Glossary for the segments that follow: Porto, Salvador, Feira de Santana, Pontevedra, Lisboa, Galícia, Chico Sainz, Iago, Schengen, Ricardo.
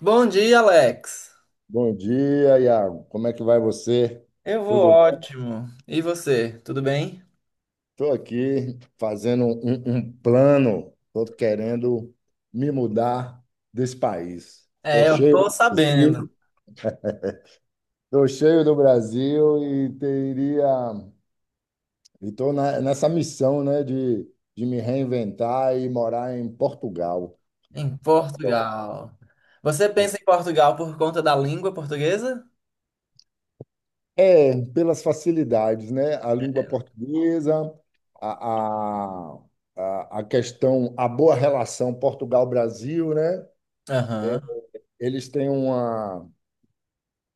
Bom dia, Alex. Bom dia, Iago. Como é que vai você? Eu vou Tudo bom? ótimo. E você, tudo bem? Estou aqui fazendo um plano. Estou querendo me mudar desse país. Estou É, eu cheio tô do sabendo. Brasil, estou cheio do Brasil e teria. Estou nessa missão, né, de me reinventar e morar em Portugal. Em Então, Portugal. Você pensa em Portugal por conta da língua portuguesa? é, pelas facilidades, né? A língua portuguesa, a, a, a questão, a boa relação Portugal-Brasil, né? É, Aham. eles têm uma,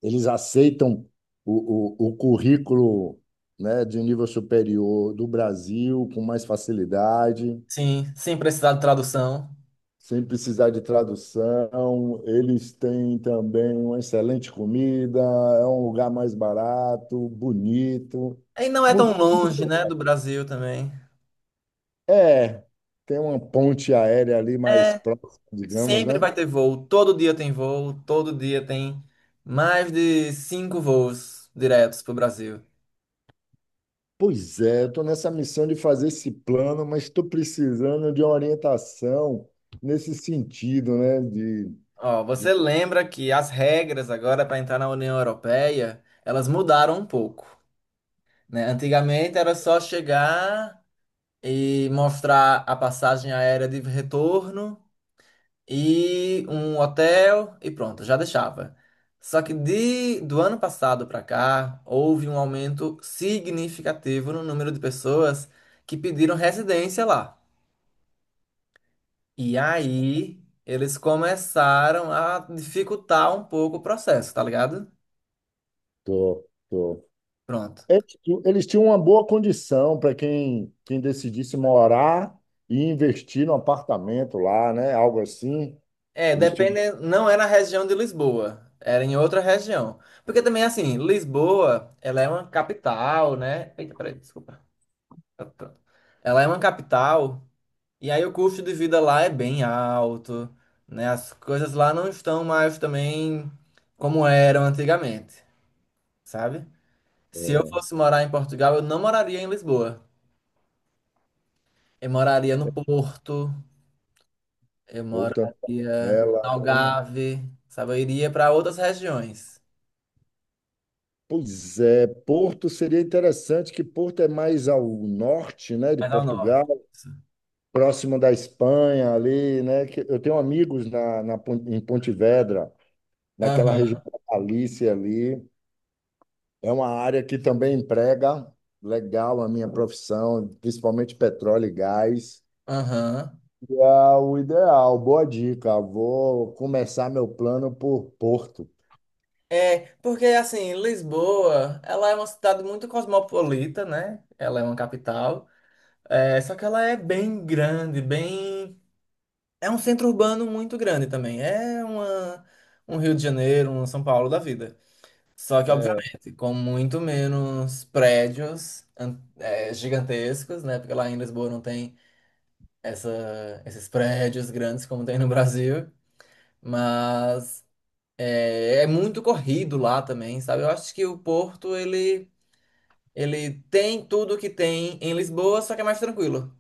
eles aceitam o currículo, né, de nível superior do Brasil com mais facilidade, Sim, sem precisar de tradução. sem precisar de tradução. Eles têm também uma excelente comida, é um lugar mais barato, bonito. E não é tão Muito longe, né, do Brasil também. é, tem uma ponte aérea ali mais É, próxima, digamos, sempre né? vai ter voo. Todo dia tem voo. Todo dia tem mais de cinco voos diretos pro Brasil. Pois é, estou nessa missão de fazer esse plano, mas estou precisando de uma orientação nesse sentido, né? Ó, você De... lembra que as regras agora para entrar na União Europeia, elas mudaram um pouco, né? Antigamente era só chegar e mostrar a passagem aérea de retorno e um hotel e pronto, já deixava. Só que do ano passado para cá, houve um aumento significativo no número de pessoas que pediram residência lá. E aí, eles começaram a dificultar um pouco o processo, tá ligado? Tô, tô. Pronto. É que eles tinham uma boa condição para quem decidisse morar e investir num apartamento lá, né? Algo assim. É, Eles tinham depende, não é na região de Lisboa, era em outra região. Porque também, assim, Lisboa, ela é uma capital, né? Eita, peraí, desculpa. Tá, tá. Ela é uma capital, e aí o custo de vida lá é bem alto, né? As coisas lá não estão mais também como eram antigamente, sabe? Se eu fosse morar em Portugal, eu não moraria em Lisboa. Eu moraria no Porto, eu porta, moraria em janela. Algarve, sabe? Eu iria para outras regiões. Pois é, Porto seria interessante, que Porto é mais ao norte, né, de Mais ao norte. Portugal, Isso. próximo da Espanha ali, né, que eu tenho amigos na em Pontevedra, naquela região Aham, da Galícia ali, é uma área que também emprega legal a minha profissão, principalmente petróleo e gás, aham. e é o ideal, boa dica, vou começar meu plano por Porto. É, porque assim, Lisboa, ela é uma cidade muito cosmopolita, né? Ela é uma capital. É, só que ela é bem grande, bem. É um centro urbano muito grande também. É um Rio de Janeiro, um São Paulo da vida. Só que, É, obviamente, com muito menos prédios gigantescos, né? Porque lá em Lisboa não tem esses prédios grandes como tem no Brasil. Mas. É, é muito corrido lá também, sabe? Eu acho que o Porto, ele tem tudo que tem em Lisboa, só que é mais tranquilo.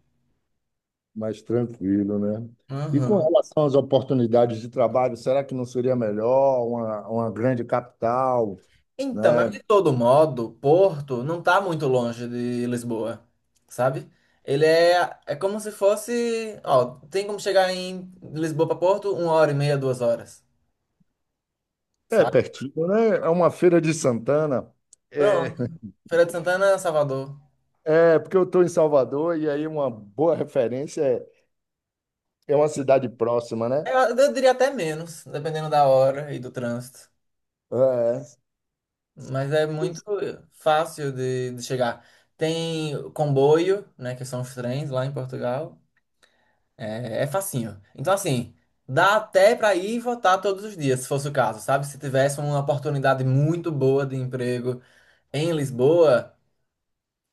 mais tranquilo, né? E com Aham. relação às oportunidades de trabalho, será que não seria melhor uma grande capital, né? Então, mas de todo modo, Porto não tá muito longe de Lisboa, sabe? Ele é como se fosse. Ó, tem como chegar em Lisboa para Porto 1 hora e meia, 2 horas, É sabe? pertinho, né? É uma feira de Santana. Pronto. É, Feira de Santana, Salvador. é porque eu estou em Salvador e aí uma boa referência é, é uma cidade próxima, né? É, eu diria até menos, dependendo da hora e do trânsito. É. Mas é muito fácil de chegar. Tem comboio, né, que são os trens lá em Portugal. É, é facinho. Então, assim, dá até para ir votar todos os dias, se fosse o caso, sabe? Se tivesse uma oportunidade muito boa de emprego em Lisboa,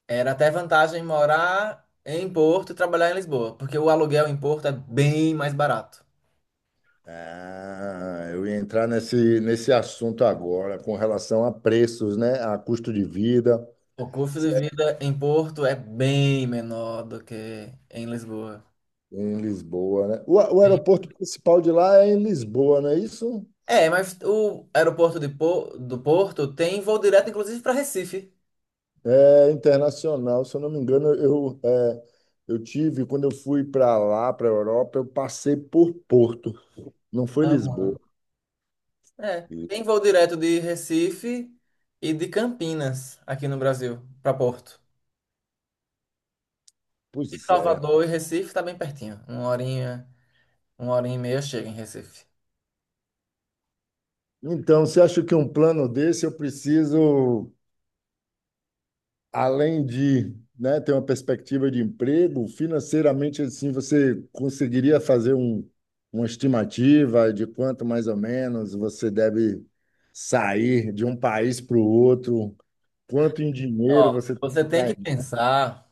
era até vantagem morar em Porto e trabalhar em Lisboa, porque o aluguel em Porto é bem mais barato. Ah, eu ia entrar nesse assunto agora, com relação a preços, né? A custo de vida O custo de vida em Porto é bem menor do que em Lisboa. em Lisboa, né? O, o aeroporto principal de lá é em Lisboa, não é isso? É, mas o aeroporto de Po- do Porto tem voo direto, inclusive, para Recife. É internacional, se eu não me engano, eu, é, eu tive, quando eu fui para lá, para a Europa, eu passei por Porto, não foi Lisboa. Aham. É, E, tem voo direto de Recife e de Campinas, aqui no Brasil, para Porto. E pois é. Salvador e Recife tá bem pertinho. Uma horinha e meia chega em Recife. Então, você acha que um plano desse eu preciso, além de, né, ter uma perspectiva de emprego, financeiramente, assim, você conseguiria fazer um, uma estimativa de quanto mais ou menos você deve sair de um país para o outro? Quanto em dinheiro Ó, você tem que você tem ficar? que pensar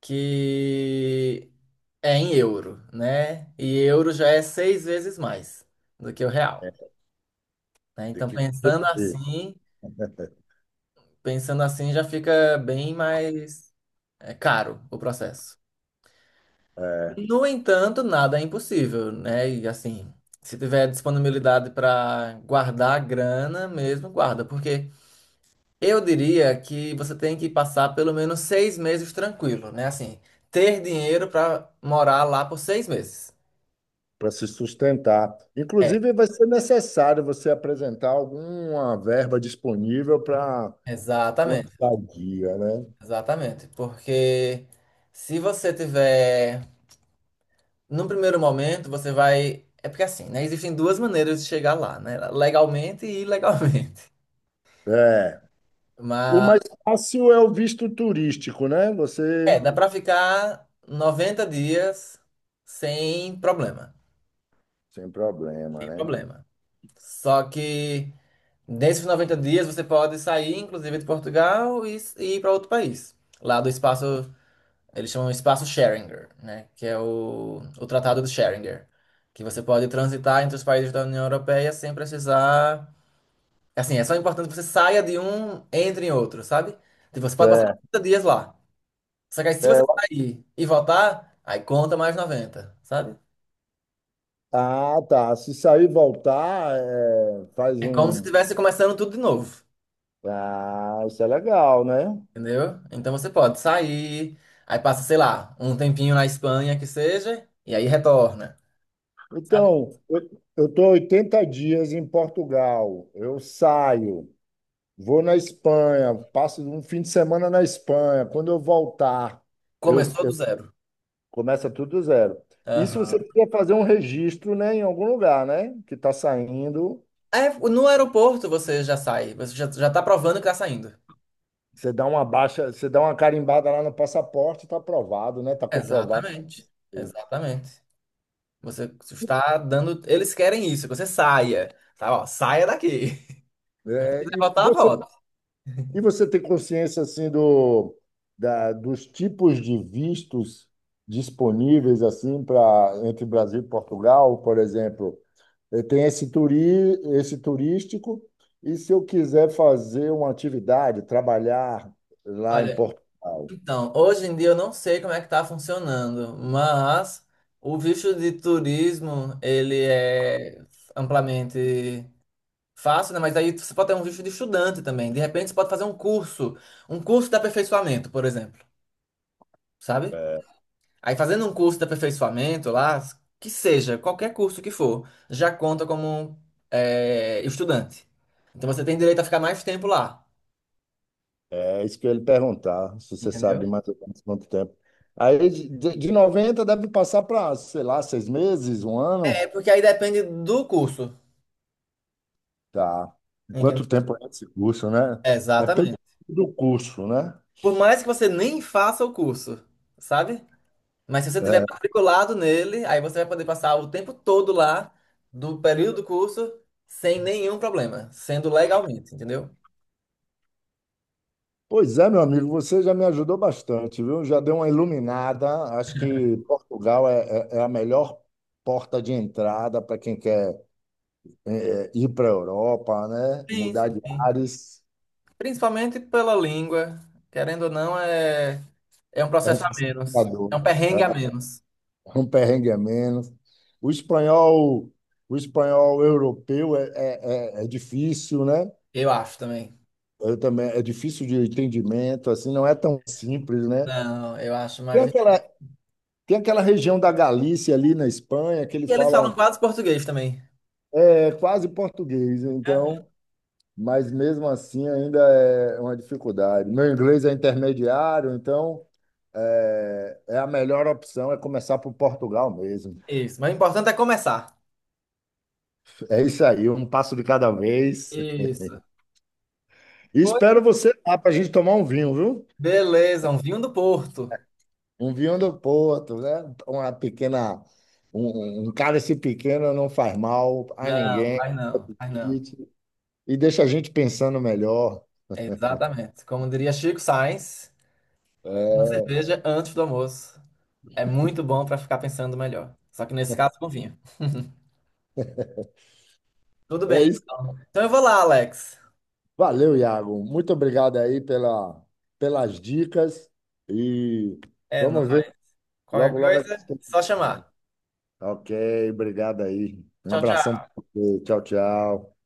que é em euro, né? E euro já é 6 vezes mais do que o real, né? Tem Então, que e, pensando assim já fica bem mais. É caro o processo. é, No entanto, nada é impossível, né? E assim, se tiver disponibilidade para guardar a grana mesmo, guarda, porque eu diria que você tem que passar pelo menos 6 meses tranquilo, né? Assim, ter dinheiro para morar lá por 6 meses. para se sustentar. É, Inclusive, vai ser necessário você apresentar alguma verba disponível para uma exatamente, estadia, né? exatamente. Porque se você tiver, num primeiro momento, você vai. É porque assim, né? Existem duas maneiras de chegar lá, né? Legalmente e ilegalmente. É. O Mas mais fácil é o visto turístico, né? Você, dá pra ficar 90 dias sem problema. sem problema, Sem né? problema. Só que nesses 90 dias você pode sair, inclusive, de Portugal e ir para outro país. Lá do espaço, eles chamam espaço Schengen, né? Que é o Tratado de Schengen. Que você pode transitar entre os países da União Europeia sem precisar. Assim, é só importante que você saia de um, entre em outro, sabe? Tipo, você pode passar É, 90 dias lá. Só que aí, se é, você sair e voltar, aí conta mais 90, sabe? ah, tá. Se sair e voltar, é, faz É como se um. estivesse começando tudo de novo, Ah, isso é legal, né? entendeu? Então você pode sair, aí passa, sei lá, um tempinho na Espanha que seja, e aí retorna, sabe? Então, eu estou 80 dias em Portugal. Eu saio. Vou na Espanha, passo um fim de semana na Espanha. Quando eu voltar, eu, Começou do zero. começa tudo do zero. Isso Aham. você precisa fazer um registro, né, em algum lugar, né? Que está saindo. É, no aeroporto você já sai, você já, já tá provando que tá saindo. Você dá uma baixa, você dá uma carimbada lá no passaporte, está aprovado, né? Está comprovado. Exatamente, exatamente. Você está dando. Eles querem isso, que você saia, tá? Ó, saia daqui. Se É, quiser voltar, volta. e você tem consciência assim do, da, dos tipos de vistos disponíveis assim para entre Brasil e Portugal, por exemplo? Eh, tem esse, esse turístico, e se eu quiser fazer uma atividade, trabalhar lá em Olha. Portugal, Então, hoje em dia eu não sei como é que tá funcionando, mas o visto de turismo, ele é amplamente fácil, né? Mas aí você pode ter um visto de estudante também. De repente você pode fazer um curso de aperfeiçoamento, por exemplo, sabe? é Aí fazendo um curso de aperfeiçoamento lá, que seja, qualquer curso que for, já conta como estudante. Então você tem direito a ficar mais tempo lá, é isso que eu ia lhe perguntar, se você entendeu? sabe mais ou menos quanto tempo. Aí, de 90 deve passar para, sei lá, 6 meses, um É ano? porque aí depende do curso, Tá. entendeu? Quanto tempo é esse curso, né? É pelo Exatamente. do curso, né? Por mais que você nem faça o curso, sabe? Mas se você tiver É. matriculado nele, aí você vai poder passar o tempo todo lá do período do curso sem nenhum problema, sendo legalmente, entendeu? Pois é, meu amigo, você já me ajudou bastante, viu? Já deu uma iluminada. Acho que Portugal é, é a melhor porta de entrada para quem quer é, ir para a Europa, né? Sim, sim, Mudar de sim. ares Principalmente pela língua, querendo ou não, é um é um processo a menos. É facilitador, um perrengue a menos, é um perrengue a menos. O espanhol, o espanhol europeu é, é, é difícil, né? eu acho também. Eu também, é difícil de entendimento, assim, não é tão simples, né? Não, eu acho Tem mais aquela, difícil. tem aquela região da Galícia ali na Espanha que ele E eles fala falam um quase português também. é quase português, Aham. então, mas mesmo assim ainda é uma dificuldade. Meu inglês é intermediário, então é, é a melhor opção é começar por Portugal mesmo. Isso, mas o importante é começar. É isso aí, um passo de cada vez. Isso. E Pois, espero você lá para a gente tomar um vinho, viu? beleza, um vinho do Porto. Um vinho do Porto, né? Uma pequena, um cálice pequeno não faz mal a Não, ninguém faz não, faz não. e, e deixa a gente pensando melhor. Exatamente. Como diria Chico Sainz, uma É cerveja antes do almoço é muito bom para ficar pensando melhor. Só que nesse caso, com vinho. Tudo é bem. isso. Então eu vou lá, Alex. Valeu, Iago. Muito obrigado aí pela, pelas dicas e É nóis. vamos ver Qualquer logo, logo. A coisa, gente tem- só que- chamar. Ok, obrigado aí. Um Tchau, abração. tchau. Pra você. Tchau, tchau.